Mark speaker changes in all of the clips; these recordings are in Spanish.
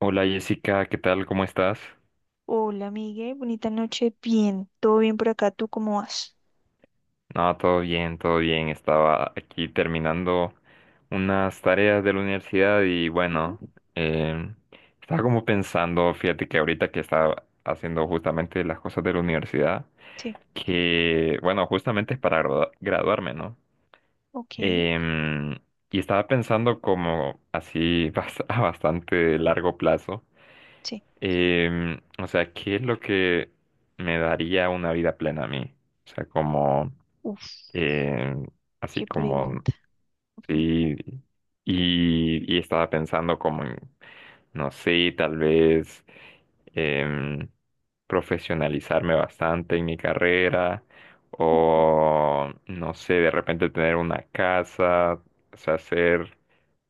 Speaker 1: Hola, Jessica, ¿qué tal? ¿Cómo estás?
Speaker 2: Hola, Miguel. Bonita noche. Bien, todo bien por acá. ¿Tú cómo vas?
Speaker 1: No, todo bien, todo bien. Estaba aquí terminando unas tareas de la universidad y
Speaker 2: Ujú.
Speaker 1: bueno, em, estaba como pensando, fíjate que ahorita que estaba haciendo justamente las cosas de la universidad,
Speaker 2: Sí,
Speaker 1: que bueno, justamente es para graduarme, ¿no?
Speaker 2: ok.
Speaker 1: Em, y estaba pensando como así a bastante largo plazo.
Speaker 2: Sí.
Speaker 1: O sea, ¿qué es lo que me daría una vida plena a mí? O sea, como,
Speaker 2: Uf,
Speaker 1: em, así
Speaker 2: qué
Speaker 1: como,
Speaker 2: pregunta.
Speaker 1: sí, y estaba pensando como en, no sé, tal vez em, profesionalizarme bastante en mi carrera o, no sé, de repente tener una casa, o sea, ser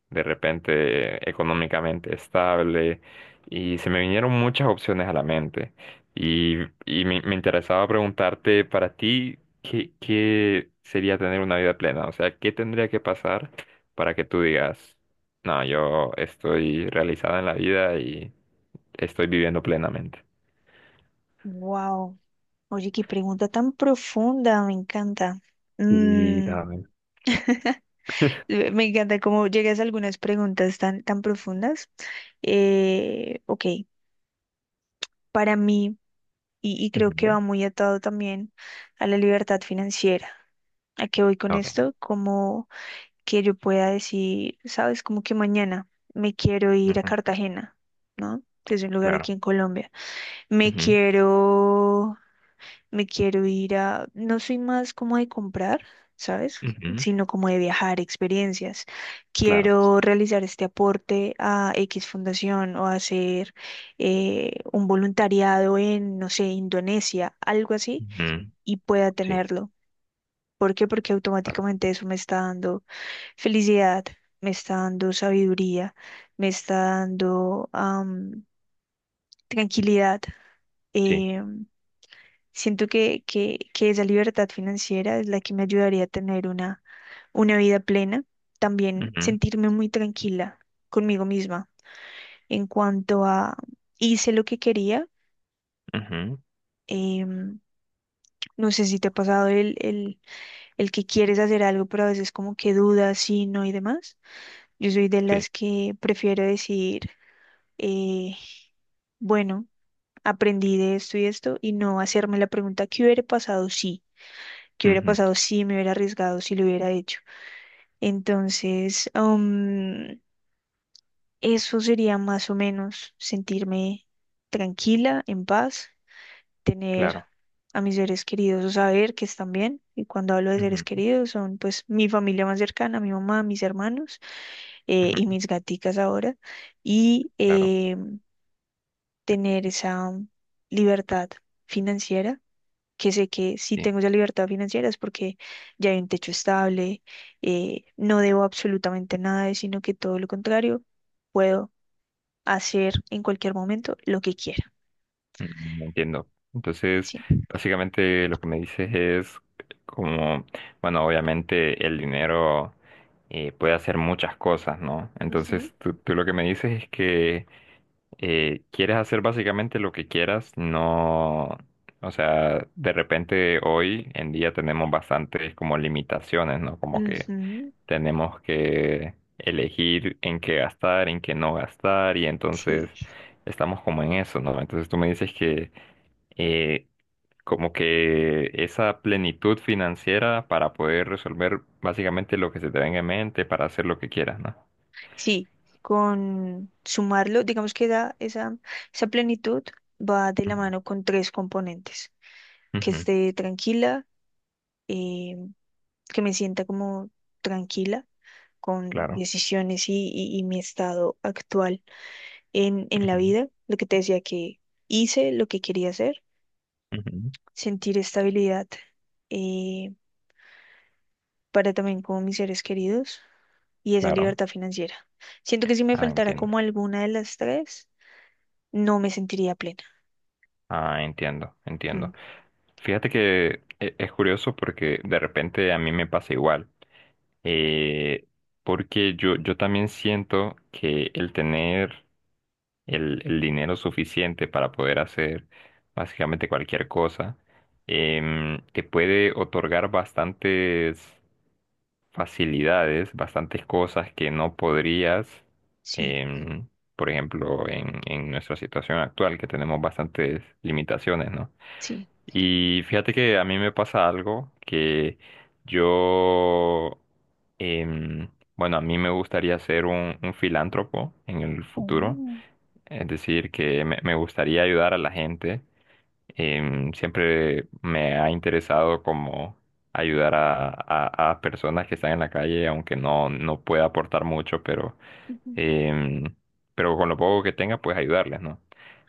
Speaker 1: de repente económicamente estable y se me vinieron muchas opciones a la mente y, y me interesaba preguntarte para ti qué sería tener una vida plena, o sea, qué tendría que pasar para que tú digas, no, yo estoy realizada en la vida y estoy viviendo plenamente.
Speaker 2: Wow. Oye, qué pregunta tan profunda. Me encanta.
Speaker 1: Sí,
Speaker 2: Mm,
Speaker 1: también.
Speaker 2: me encanta cómo llegas a algunas preguntas tan, tan profundas. Ok, para mí, y creo
Speaker 1: Ujú.
Speaker 2: que va muy atado también a la libertad financiera. ¿A qué voy con
Speaker 1: Ok,
Speaker 2: esto? Como que yo pueda decir, sabes, como que mañana me quiero ir a
Speaker 1: ujú,
Speaker 2: Cartagena, ¿no? Que es un lugar
Speaker 1: claro.
Speaker 2: aquí en Colombia. Me
Speaker 1: Ujú,
Speaker 2: quiero, me quiero ir a, no soy más como de comprar, ¿sabes?
Speaker 1: ujú,
Speaker 2: Sino como de viajar, experiencias.
Speaker 1: claro.
Speaker 2: Quiero realizar este aporte a X fundación o hacer un voluntariado en, no sé, Indonesia, algo así,
Speaker 1: Ujú,
Speaker 2: y pueda
Speaker 1: sí,
Speaker 2: tenerlo. ¿Por qué? Porque
Speaker 1: claro.
Speaker 2: automáticamente eso me está dando felicidad, me está dando sabiduría, me está dando tranquilidad.
Speaker 1: Sí,
Speaker 2: Eh, siento que esa libertad financiera es la que me ayudaría a tener una vida plena. También
Speaker 1: ujú,
Speaker 2: sentirme muy tranquila conmigo misma en cuanto a hice lo que quería.
Speaker 1: ujú,
Speaker 2: em, no sé si te ha pasado el que quieres hacer algo, pero a veces como que dudas, sí, no y demás. Yo soy de
Speaker 1: sí,
Speaker 2: las que prefiero decir, eh, bueno, aprendí de esto y esto y no hacerme la pregunta, ¿qué hubiera pasado si? ¿Qué hubiera
Speaker 1: ujú,
Speaker 2: pasado si me hubiera arriesgado, si lo hubiera hecho? Entonces, eso sería más o menos sentirme tranquila, en paz, tener
Speaker 1: claro,
Speaker 2: a mis seres queridos o saber que están bien. Y cuando hablo de seres
Speaker 1: ujú,
Speaker 2: queridos, son pues mi familia más cercana, mi mamá, mis hermanos y
Speaker 1: ujú,
Speaker 2: mis gaticas ahora y
Speaker 1: claro.
Speaker 2: tener esa libertad financiera, que sé que si
Speaker 1: Sí.
Speaker 2: tengo esa libertad financiera es porque ya hay un techo estable, no debo absolutamente nada, sino que todo lo contrario, puedo hacer en cualquier momento lo que quiera.
Speaker 1: Mm, entiendo. Entonces,
Speaker 2: Sí.
Speaker 1: básicamente lo que me dices es como, bueno, obviamente el dinero puede hacer muchas cosas, ¿no?
Speaker 2: Ujú,
Speaker 1: Entonces, tú lo que me dices es que quieres hacer básicamente lo que quieras, no, o sea, de repente hoy en día tenemos bastantes como limitaciones, ¿no? Como que
Speaker 2: ujú,
Speaker 1: tenemos que elegir en qué gastar, en qué no gastar, y entonces
Speaker 2: sí.
Speaker 1: estamos como en eso, ¿no? Entonces tú me dices que eh, como que esa plenitud financiera para poder resolver básicamente lo que se te venga en mente, para hacer lo que quieras, ¿no?
Speaker 2: Sí, con sumarlo, digamos que da esa, esa plenitud va de la
Speaker 1: Ujú,
Speaker 2: mano con tres componentes, que
Speaker 1: ujú,
Speaker 2: esté tranquila, eh, que me sienta como tranquila con
Speaker 1: claro.
Speaker 2: decisiones y mi estado actual en la vida. Lo que te decía que hice lo que quería hacer,
Speaker 1: Ujú, ujú,
Speaker 2: sentir estabilidad eh, para también con mis seres queridos y esa
Speaker 1: claro.
Speaker 2: libertad financiera. Siento que si me
Speaker 1: Ah,
Speaker 2: faltara
Speaker 1: entiendo.
Speaker 2: como alguna de las tres, no me sentiría plena.
Speaker 1: Ah, entiendo,
Speaker 2: Mm,
Speaker 1: entiendo. Fíjate que es curioso porque de repente a mí me pasa igual. Eh, porque yo, yo también siento que el tener el dinero suficiente para poder hacer básicamente cualquier cosa, te puede otorgar bastantes facilidades, bastantes cosas que no podrías,
Speaker 2: sí,
Speaker 1: em, por ejemplo, en nuestra situación actual, que tenemos bastantes limitaciones, ¿no?
Speaker 2: sí.
Speaker 1: Y fíjate que a mí me pasa algo que yo, em, bueno, a mí me gustaría ser un filántropo en el futuro,
Speaker 2: Oh,
Speaker 1: es decir, que me gustaría ayudar a la gente. Em, siempre me ha interesado como ayudar a, a personas que están en la calle, aunque no, no pueda aportar mucho, pero,
Speaker 2: ujú,
Speaker 1: em, pero con lo poco que tenga, pues ayudarles, ¿no?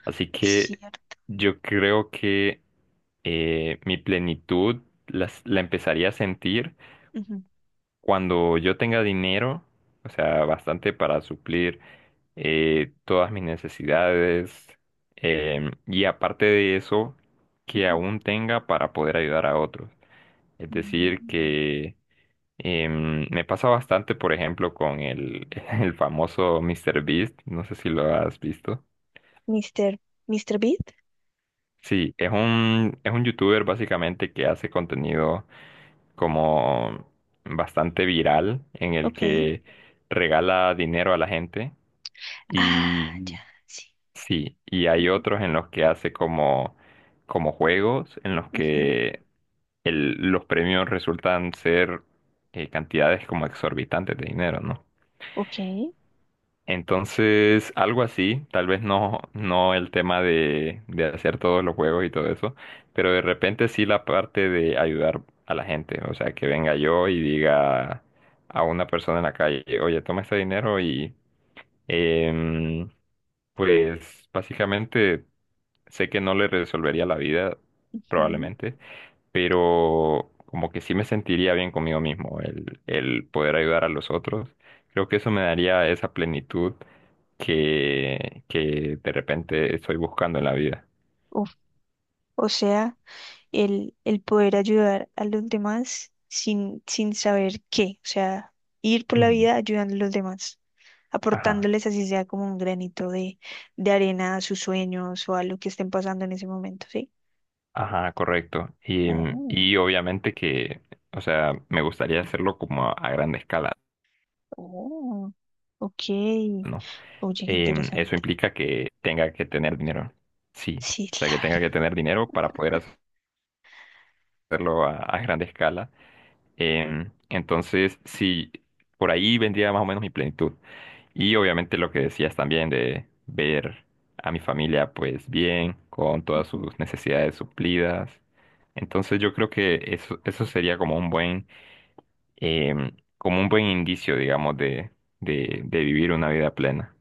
Speaker 1: Así
Speaker 2: es
Speaker 1: que
Speaker 2: cierto.
Speaker 1: yo creo que mi plenitud la empezaría a sentir
Speaker 2: Ujú,
Speaker 1: cuando yo tenga dinero, o sea, bastante para suplir todas mis necesidades, y aparte de eso, que
Speaker 2: ujú.
Speaker 1: aún tenga para poder ayudar a otros. Es decir,
Speaker 2: Mm.
Speaker 1: que me pasa bastante, por ejemplo, con el, el famoso míster Beast, no sé si lo has visto.
Speaker 2: Mister, Mr. Beat,
Speaker 1: Sí, es un youtuber básicamente que hace contenido como bastante viral en el
Speaker 2: ok.
Speaker 1: que regala dinero a la gente.
Speaker 2: Ah, ya,
Speaker 1: Y
Speaker 2: sí.
Speaker 1: sí, y hay
Speaker 2: Ujú,
Speaker 1: otros en los que hace como, como juegos, en los
Speaker 2: ujú.
Speaker 1: que los premios resultan ser cantidades como exorbitantes de dinero, ¿no?
Speaker 2: Ok.
Speaker 1: Entonces, algo así, tal vez no, no el tema de hacer todos los juegos y todo eso, pero de repente sí la parte de ayudar a la gente, o sea, que venga yo y diga a una persona en la calle, oye, toma este dinero y... em, pues básicamente sé que no le resolvería la vida,
Speaker 2: Ujú.
Speaker 1: probablemente, pero como que sí me sentiría bien conmigo mismo el poder ayudar a los otros. Creo que eso me daría esa plenitud que de repente estoy buscando en la vida.
Speaker 2: Uf, o sea, el poder ayudar a los demás sin, sin saber qué. O sea, ir por la
Speaker 1: Ujú.
Speaker 2: vida ayudando a los demás,
Speaker 1: Ajá,
Speaker 2: aportándoles así sea como un granito de arena a sus sueños o a lo que estén pasando en ese momento, ¿sí?
Speaker 1: ajá, correcto.
Speaker 2: Oh,
Speaker 1: Y obviamente que, o sea, me gustaría hacerlo como a gran escala,
Speaker 2: oh, ok.
Speaker 1: ¿no?
Speaker 2: Oye, qué
Speaker 1: Em, eso
Speaker 2: interesante.
Speaker 1: implica que tenga que tener dinero. Sí,
Speaker 2: Sí,
Speaker 1: o sea, que tenga
Speaker 2: claro.
Speaker 1: que tener dinero para poder hacerlo a gran escala. Entonces, sí, por ahí vendría más o menos mi plenitud. Y obviamente lo que decías también de ver a mi familia pues bien, con todas sus necesidades suplidas. Entonces yo creo que eso sería como un buen, como un buen indicio, digamos, de, de vivir una vida plena.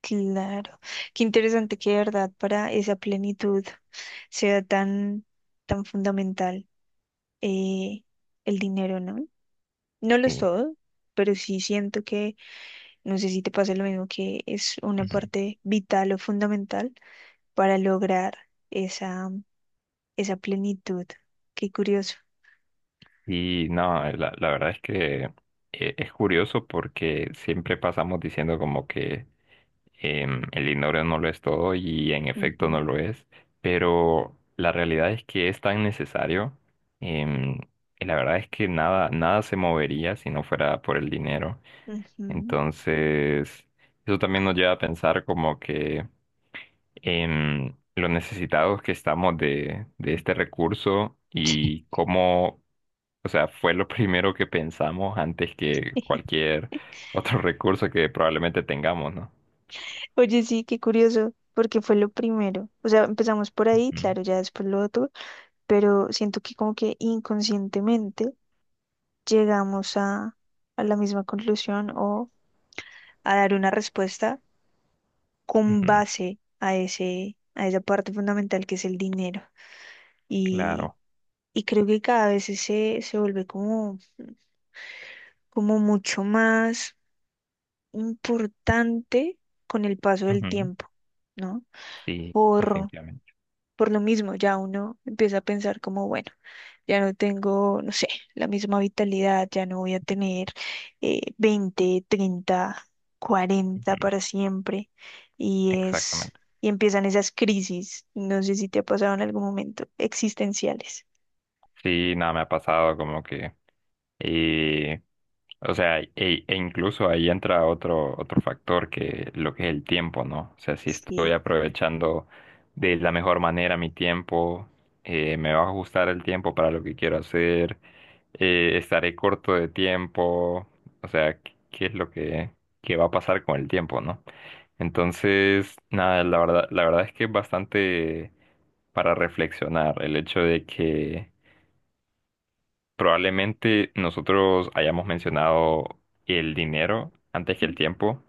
Speaker 2: Claro, qué interesante que de verdad para esa plenitud sea tan, tan fundamental eh, el dinero, ¿no? No lo es
Speaker 1: Sí.
Speaker 2: todo, pero sí siento que, no sé si te pasa lo mismo, que es una
Speaker 1: Ujú.
Speaker 2: parte vital o fundamental para lograr esa, esa plenitud. Qué curioso.
Speaker 1: Y no, la verdad es que es curioso porque siempre pasamos diciendo como que el dinero no lo es todo y en efecto no
Speaker 2: Ujú,
Speaker 1: lo es, pero la realidad es que es tan necesario. Em, y la verdad es que nada, nada se movería si no fuera por el dinero.
Speaker 2: ujú.
Speaker 1: Entonces, eso también nos lleva a pensar como que en lo necesitados que estamos de este recurso y cómo, o sea, fue lo primero que pensamos antes que cualquier otro recurso que probablemente tengamos, ¿no?
Speaker 2: Oye, sí, qué curioso, porque fue lo primero. O sea, empezamos por ahí,
Speaker 1: Ujú,
Speaker 2: claro, ya después lo otro, pero siento que como que inconscientemente llegamos a la misma conclusión o a dar una respuesta con
Speaker 1: ujú,
Speaker 2: base a ese, a esa parte fundamental que es el dinero. Y,
Speaker 1: claro.
Speaker 2: y creo que cada vez se vuelve como, como mucho más importante con el paso del
Speaker 1: Ujú,
Speaker 2: tiempo, ¿no?
Speaker 1: sí,
Speaker 2: Por,
Speaker 1: definitivamente.
Speaker 2: Por lo mismo, ya uno empieza a pensar como, bueno, ya no tengo, no sé, la misma vitalidad, ya no voy a tener 20, 30, 40
Speaker 1: Ujú,
Speaker 2: para siempre. Y es,
Speaker 1: exactamente.
Speaker 2: y empiezan esas crisis, no sé si te ha pasado en algún momento, existenciales.
Speaker 1: Sí, nada, me ha pasado como que, eh, o sea, e, e incluso ahí entra otro, otro factor que lo que es el tiempo, ¿no? O sea, si estoy
Speaker 2: Sí.
Speaker 1: aprovechando de la mejor manera mi tiempo, me va a ajustar el tiempo para lo que quiero hacer, estaré corto de tiempo, o sea, ¿ qué es lo que, qué va a pasar con el tiempo, ¿no? Entonces, nada, la verdad es que es bastante para reflexionar el hecho de que probablemente nosotros hayamos mencionado el dinero antes que el
Speaker 2: Ujú.
Speaker 1: tiempo,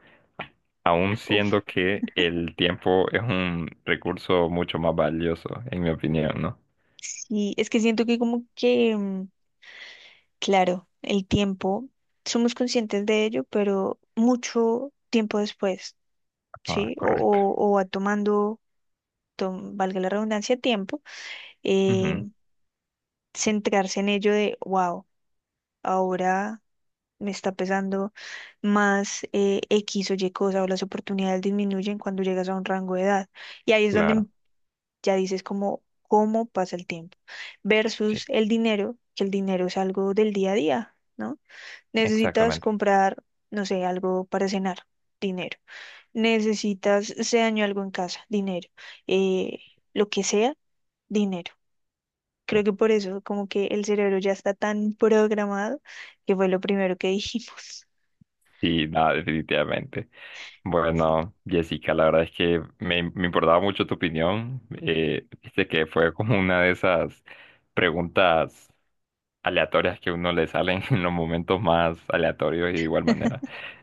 Speaker 1: aun siendo
Speaker 2: Uf.
Speaker 1: que el tiempo es un recurso mucho más valioso, en mi opinión, ¿no?
Speaker 2: Sí, es que siento que como que, mm, claro, el tiempo, somos conscientes de ello, pero mucho tiempo después,
Speaker 1: Ah,
Speaker 2: ¿sí?
Speaker 1: correcto.
Speaker 2: O va tomando valga la redundancia, tiempo, eh,
Speaker 1: Ujú,
Speaker 2: centrarse en ello de, wow, ahora me está pesando más X o Y cosa o las oportunidades disminuyen cuando llegas a un rango de edad. Y ahí es donde
Speaker 1: claro,
Speaker 2: ya dices como, cómo pasa el tiempo
Speaker 1: sí,
Speaker 2: versus el dinero, que el dinero es algo del día a día, ¿no? Necesitas
Speaker 1: exactamente.
Speaker 2: comprar, no sé, algo para cenar, dinero. Necesitas, se dañó algo en casa, dinero. Eh, lo que sea, dinero.
Speaker 1: Sí.
Speaker 2: Creo que por eso, como que el cerebro ya está tan programado, que fue lo primero que dijimos.
Speaker 1: Sí, nada, definitivamente.
Speaker 2: Sí.
Speaker 1: Bueno, Jessica, la verdad es que me importaba mucho tu opinión. Viste que fue como una de esas preguntas aleatorias que a uno le salen en los momentos más aleatorios y de igual manera.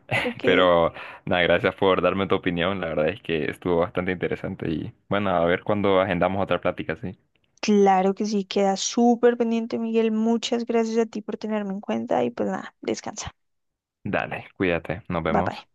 Speaker 2: Ok.
Speaker 1: Pero nada, gracias por darme tu opinión. La verdad es que estuvo bastante interesante y bueno, a ver cuándo agendamos otra plática, sí.
Speaker 2: Claro que sí, queda súper pendiente, Miguel. Muchas gracias a ti por tenerme en cuenta y pues nada, descansa.
Speaker 1: Dale, cuídate, nos
Speaker 2: Bye
Speaker 1: vemos.
Speaker 2: bye.